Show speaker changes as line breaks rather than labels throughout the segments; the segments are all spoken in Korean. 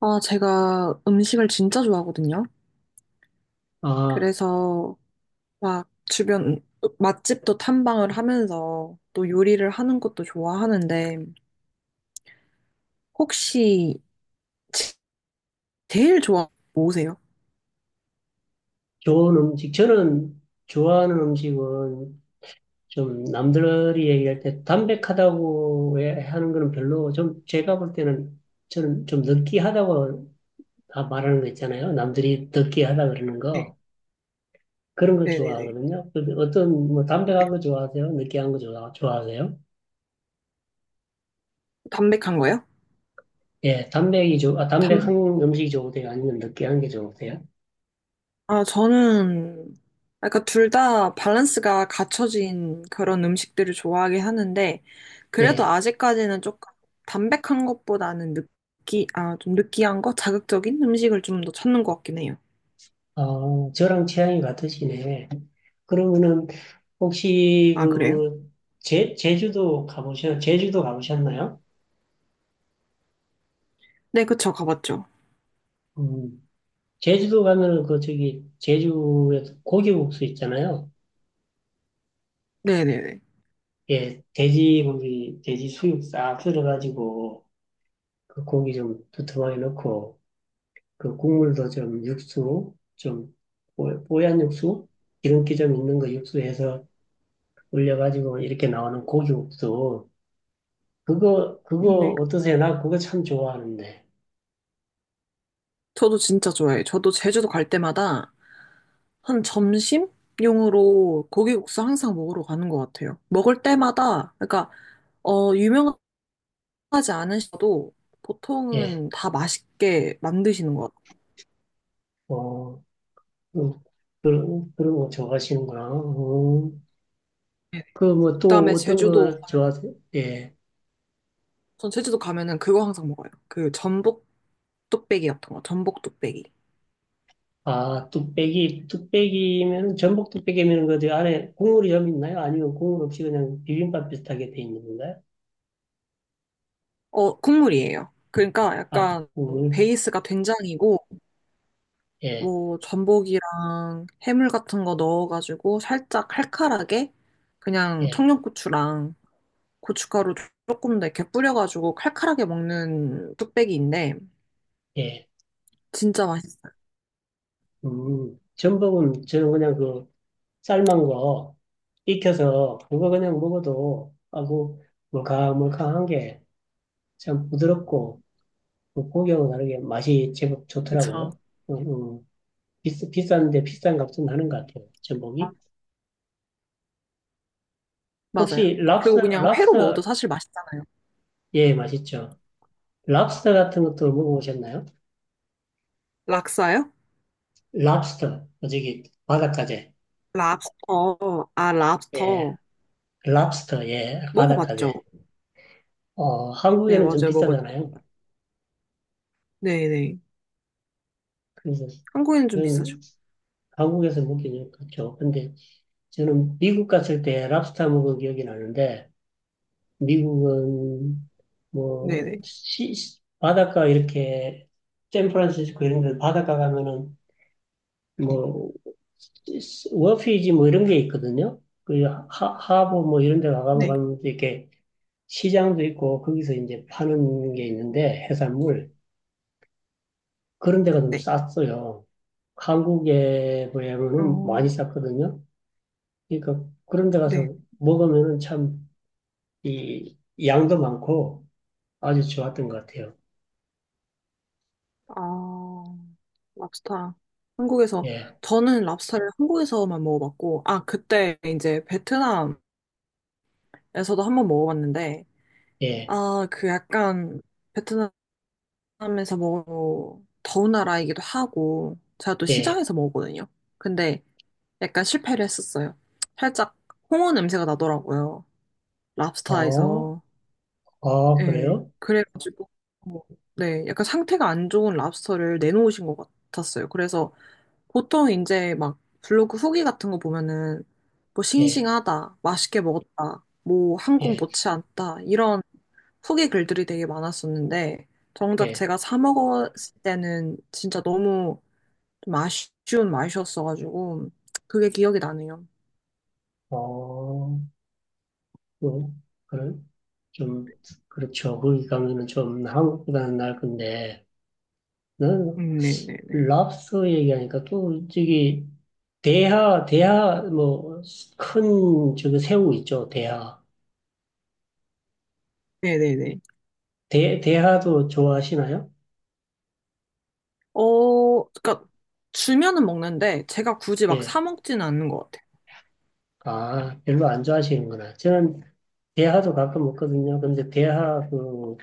아, 제가 음식을 진짜 좋아하거든요.
아,
그래서 막 주변 맛집도 탐방을 하면서 또 요리를 하는 것도 좋아하는데 혹시 제일 좋아하는 거 뭐세요?
좋은 음식. 저는 좋아하는 음식은 좀 남들이 얘기할 때 하는 거는 별로 좀 제가 볼 때는 저는 좀 느끼하다고 다 말하는 거 있잖아요. 남들이 느끼하다 그러는
네,
거. 그런 거
네네네.
좋아하거든요. 그 어떤 뭐 담백한 거 좋아하세요? 좋아하세요?
담백한 거요?
예,
담,
담백한 음식이 좋으세요? 아니면 느끼한 게 좋으세요?
아, 저는 약간 둘 다 밸런스가 갖춰진 그런 음식들을 좋아하긴 하는데 그래도
예.
아직까지는 조금 담백한 것보다는 아, 좀 느끼한 거? 자극적인 음식을 좀 더 찾는 것 같긴 해요.
어, 저랑 취향이 같으시네. 그러면은 혹시
아, 그래요?
그 제주도 제주도 가보셨나요?
네, 그쵸. 가봤죠.
음, 제주도 가면은 그 저기 제주에서 고기국수 있잖아요.
네네네.
예, 돼지 고기, 돼지 수육 싹 썰어가지고 그 고기 좀 두툼하게 넣고 그 국물도 좀 육수 좀 뽀얀 육수 기름기 좀 있는 거 육수해서 올려가지고 이렇게 나오는 고기국수 그거
네.
어떠세요? 나 그거 참 좋아하는데.
저도 진짜 좋아해요. 저도 제주도 갈 때마다 한 점심용으로 고기국수 항상 먹으러 가는 것 같아요. 먹을 때마다, 그러니까, 어, 유명하지 않으셔도
예,
보통은 다 맛있게 만드시는 것 같아요.
어, 음, 그런 거 좋아하시는구나. 어,
네.
그뭐 또
그다음에
어떤
제주도,
거
가면-
좋아하세요? 예.
전 제주도 가면은 그거 항상 먹어요. 그 전복 뚝배기 같은 거, 전복 뚝배기.
아, 뚝배기면, 전복 뚝배기면 그 안에 국물이 좀 있나요? 아니면 국물 없이 그냥 비빔밥 비슷하게 돼 있는 건가요?
어, 국물이에요. 그러니까
아,
약간
국물?
베이스가 된장이고,
예,
뭐 전복이랑 해물 같은 거 넣어가지고 살짝 칼칼하게 그냥
예,
청양고추랑 고춧가루 조금 더 이렇게 뿌려가지고 칼칼하게 먹는 뚝배기인데
예.
진짜 맛있어요.
전복은 저는 그냥 그 삶은 거 익혀서 그거 그냥 먹어도, 아고, 물캉물캉한 게 참 부드럽고 그 고기하고 다르게 맛이 제법
그쵸?
좋더라고요. 음, 음. 비싼데 비싼 값은 하는 것 같아요.
아,
전복이.
맞아요.
혹시
그리고 그냥 회로 먹어도
랍스터,
사실 맛있잖아요.
예, 맛있죠. 랍스터 같은 것도 먹어보셨나요?
락사요?
랍스터, 어, 저기 바닷가재.
랍스터. 아,
예,
랍스터.
랍스터, 예,
먹어봤죠?
바닷가재. 어,
네,
한국에는 좀
맞아요. 먹었고.
비싸잖아요.
네네.
그래서
한국에는 좀 비싸죠.
저는 한국에서 먹기는 그렇죠. 근데 저는 미국 갔을 때 랍스터 먹은 기억이 나는데 미국은
네네.
뭐 바닷가 이렇게 샌프란시스코 이런 데 바닷가 가면은 뭐 워피지 뭐 이런 게 있거든요. 그 하, 하버 뭐 이런 데 가가면
네.
가면 또 이렇게 시장도 있고 거기서 이제 파는 게 있는데 해산물 그런 데가 좀
네.
쌌어요. 한국에 비하면은 많이
어,
쌌거든요. 그러니까 그런 데
네.
가서 먹으면은 참 이 양도 많고 아주 좋았던 것 같아요.
아, 랍스타. 한국에서,
예.
저는 랍스타를 한국에서만 먹어봤고, 아, 그때 이제 베트남에서도 한번 먹어봤는데,
예,
아, 그 약간 베트남에서 먹어, 더운 나라이기도 하고, 제가 또
예,
시장에서 먹었거든요. 근데 약간 실패를 했었어요. 살짝 홍어 냄새가 나더라고요.
어,
랍스타에서.
어,
예.
그래요?
그래가지고, 뭐, 네, 약간 상태가 안 좋은 랍스터를 내놓으신 것 같았어요. 그래서 보통 이제 막 블로그 후기 같은 거 보면은 뭐
예,
싱싱하다, 맛있게 먹었다, 뭐 한국
예,
못지 않다 이런 후기 글들이 되게 많았었는데 정작
예,
제가 사 먹었을 때는 진짜 너무 좀 아쉬운 맛이었어가지고 그게 기억이 나네요.
어, 그, 그 좀, 그렇죠. 거기 가면은 좀 한국보다는 나을 건데, 나는
네네네.
랍스터 얘기하니까 또 저기, 대하, 뭐, 큰, 저기 새우 있죠, 대하.
네네네.
대하도 좋아하시나요?
어, 그러니까 주면은 먹는데 제가 굳이 막
예,
사 먹지는 않는 것 같아요.
아, 별로 안 좋아하시는구나. 저는 대하도 가끔 먹거든요. 근데 대하 그,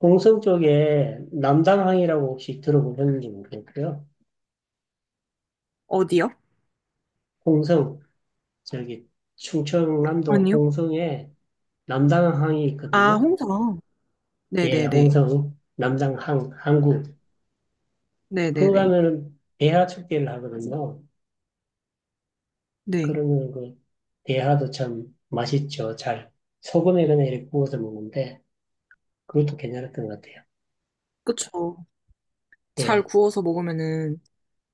홍성 쪽에 남당항이라고 혹시 들어보셨는지 모르겠고요.
어디요?
홍성 저기 충청남도
아니요?
홍성에 남당항이
아,
있거든요.
홍성.
예,
네네네.
홍성, 남당항, 항구. 그거
네네네.
가면은 대하 축제를 하거든요.
네.
그러면 그 대하도 참 맛있죠. 잘 소금에 그냥 이렇게 구워서 먹는데 그것도 괜찮았던 것 같아요.
그쵸. 잘
예,
구워서 먹으면은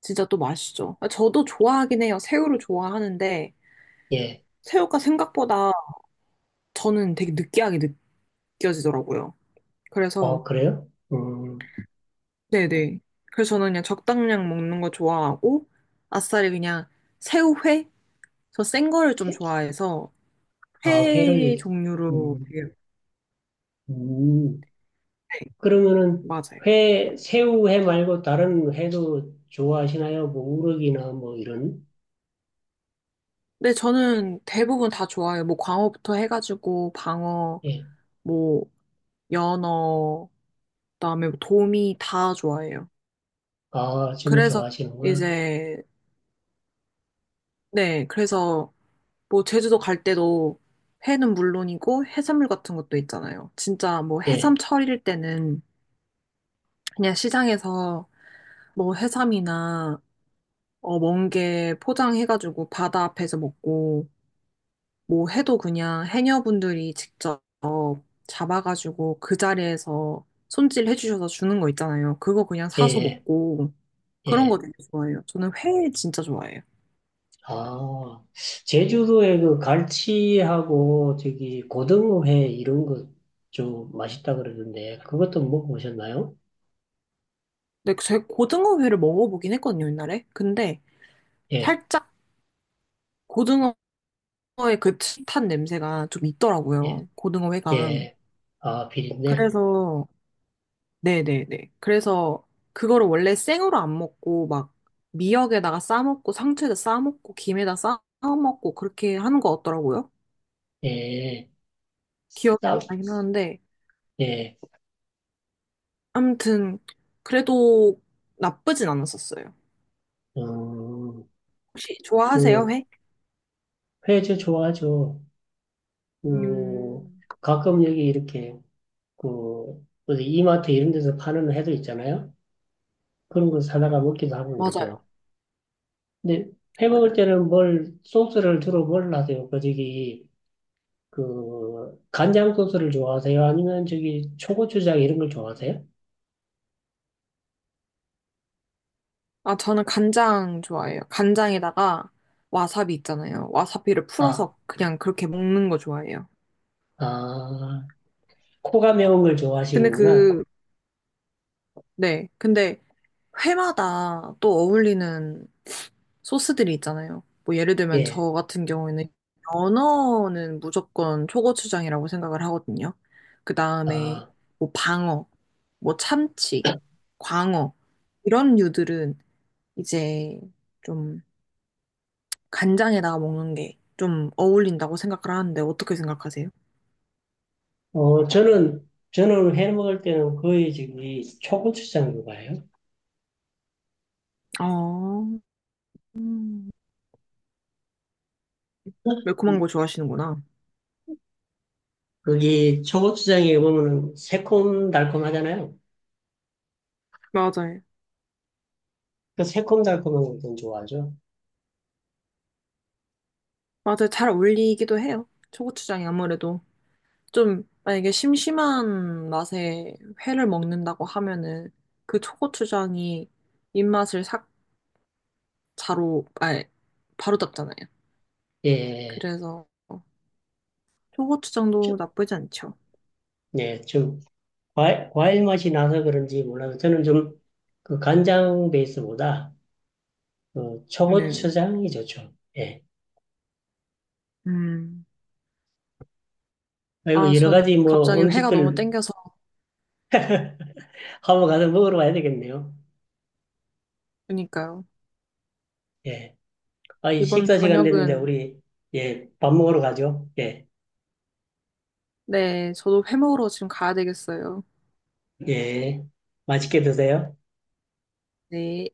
진짜 또 맛있죠. 아, 저도 좋아하긴 해요. 새우를 좋아하는데
예.
새우가 생각보다 저는 되게 느끼하게 느껴지더라고요. 그래서
어, 그래요?
네네. 그래서 저는 그냥 적당량 먹는 거 좋아하고 아싸리 그냥 새우회? 저 센 거를 좀
회?
좋아해서
아,
회
회를,
종류로
음,
되게
음.
네,
그러면은
맞아요.
회, 새우회 말고 다른 회도 좋아하시나요? 뭐 우럭이나 뭐 이런?
네, 저는 대부분 다 좋아해요. 뭐 광어부터 해가지고 방어,
예.
뭐 연어, 그다음에 뭐 도미 다 좋아해요.
아, 전부
그래서
좋아하시는구나.
이제, 네, 그래서 뭐 제주도 갈 때도 회는 물론이고 해산물 같은 것도 있잖아요. 진짜 뭐 해삼
예,
철일 때는 그냥 시장에서 뭐 해삼이나 어, 멍게 포장해가지고 바다 앞에서 먹고 뭐 해도 그냥 해녀분들이 직접 잡아가지고 그 자리에서 손질해 주셔서 주는 거 있잖아요. 그거 그냥
예,
사서
예.
먹고 그런 거
예.
되게 좋아해요. 저는 회 진짜 좋아해요.
아, 제주도에 그 갈치하고 저기 고등어회 이런 거 좀 맛있다 그러던데 그것도 먹어보셨나요?
근데 제 고등어회를 먹어보긴 했거든요, 옛날에. 근데
예,
살짝 고등어의 그 옅은 냄새가 좀
예,
있더라고요. 고등어회가.
예. 아, 비린내.
그래서, 네네네. 그래서 그거를 원래 생으로 안 먹고 막 미역에다가 싸먹고 상추에다 싸먹고 김에다 싸먹고 그렇게 하는 거 같더라고요.
예,
기억이
쌉.
안 나긴 하는데.
예,
아무튼, 그래도 나쁘진 않았었어요.
음,
혹시 좋아하세요,
그
회?
회저 좋아하죠. 그,
음,
가끔 여기 이렇게, 그, 어디 이마트 이런 데서 파는 해도 있잖아요? 그런 거 사다가 먹기도 하고 그러죠.
맞아요.
근데 해 먹을
맞아요.
때는 뭘, 소스를 주로 뭘 하세요? 그, 저기, 그, 간장 소스를 좋아하세요? 아니면 저기, 초고추장 이런 걸 좋아하세요?
아, 저는 간장 좋아해요. 간장에다가 와사비 있잖아요. 와사비를
아,
풀어서 그냥 그렇게 먹는 거 좋아해요.
아, 코가 매운 걸
근데
좋아하시는구나.
그, 네. 근데 회마다 또 어울리는 소스들이 있잖아요. 뭐 예를 들면
예.
저 같은 경우에는 연어는 무조건 초고추장이라고 생각을 하거든요. 그 다음에
아,
뭐 방어, 뭐 참치, 광어, 이런 류들은 이제 좀 간장에다가 먹는 게 좀 어울린다고 생각을 하는데 어떻게 생각하세요?
어, 저는 해 먹을 때는 거의 저기, 초고추장좋아해요
어, 음, 매콤한 거 좋아하시는구나.
거기 초고추장에 보면은 새콤달콤하잖아요.
맞아요.
그 새콤달콤한 걸 좀 좋아하죠.
맞아요. 잘 어울리기도 해요. 초고추장이 아무래도 좀 만약에 심심한 맛에 회를 먹는다고 하면은 그 초고추장이 입맛을 싹 자로, 아니, 바로 잡잖아요.
예,
그래서 초고추장도
좀,
나쁘지 않죠.
네, 좀 과일, 과일 맛이 나서 그런지 몰라도 저는 좀 그 간장 베이스보다 그
네.
초고추장이 좋죠. 예.
음.
그리고
아,
여러
저는
가지 뭐
갑자기 회가 너무
음식들
땡겨서
하고 가서 먹으러 가야 되겠네요.
그러니까요.
예. 아, 이
이번
식사 시간 됐는데
저녁은
우리 예, 밥 먹으러 가죠. 예,
네, 저도 회 먹으러 지금 가야 되겠어요.
예. 맛있게 드세요.
네.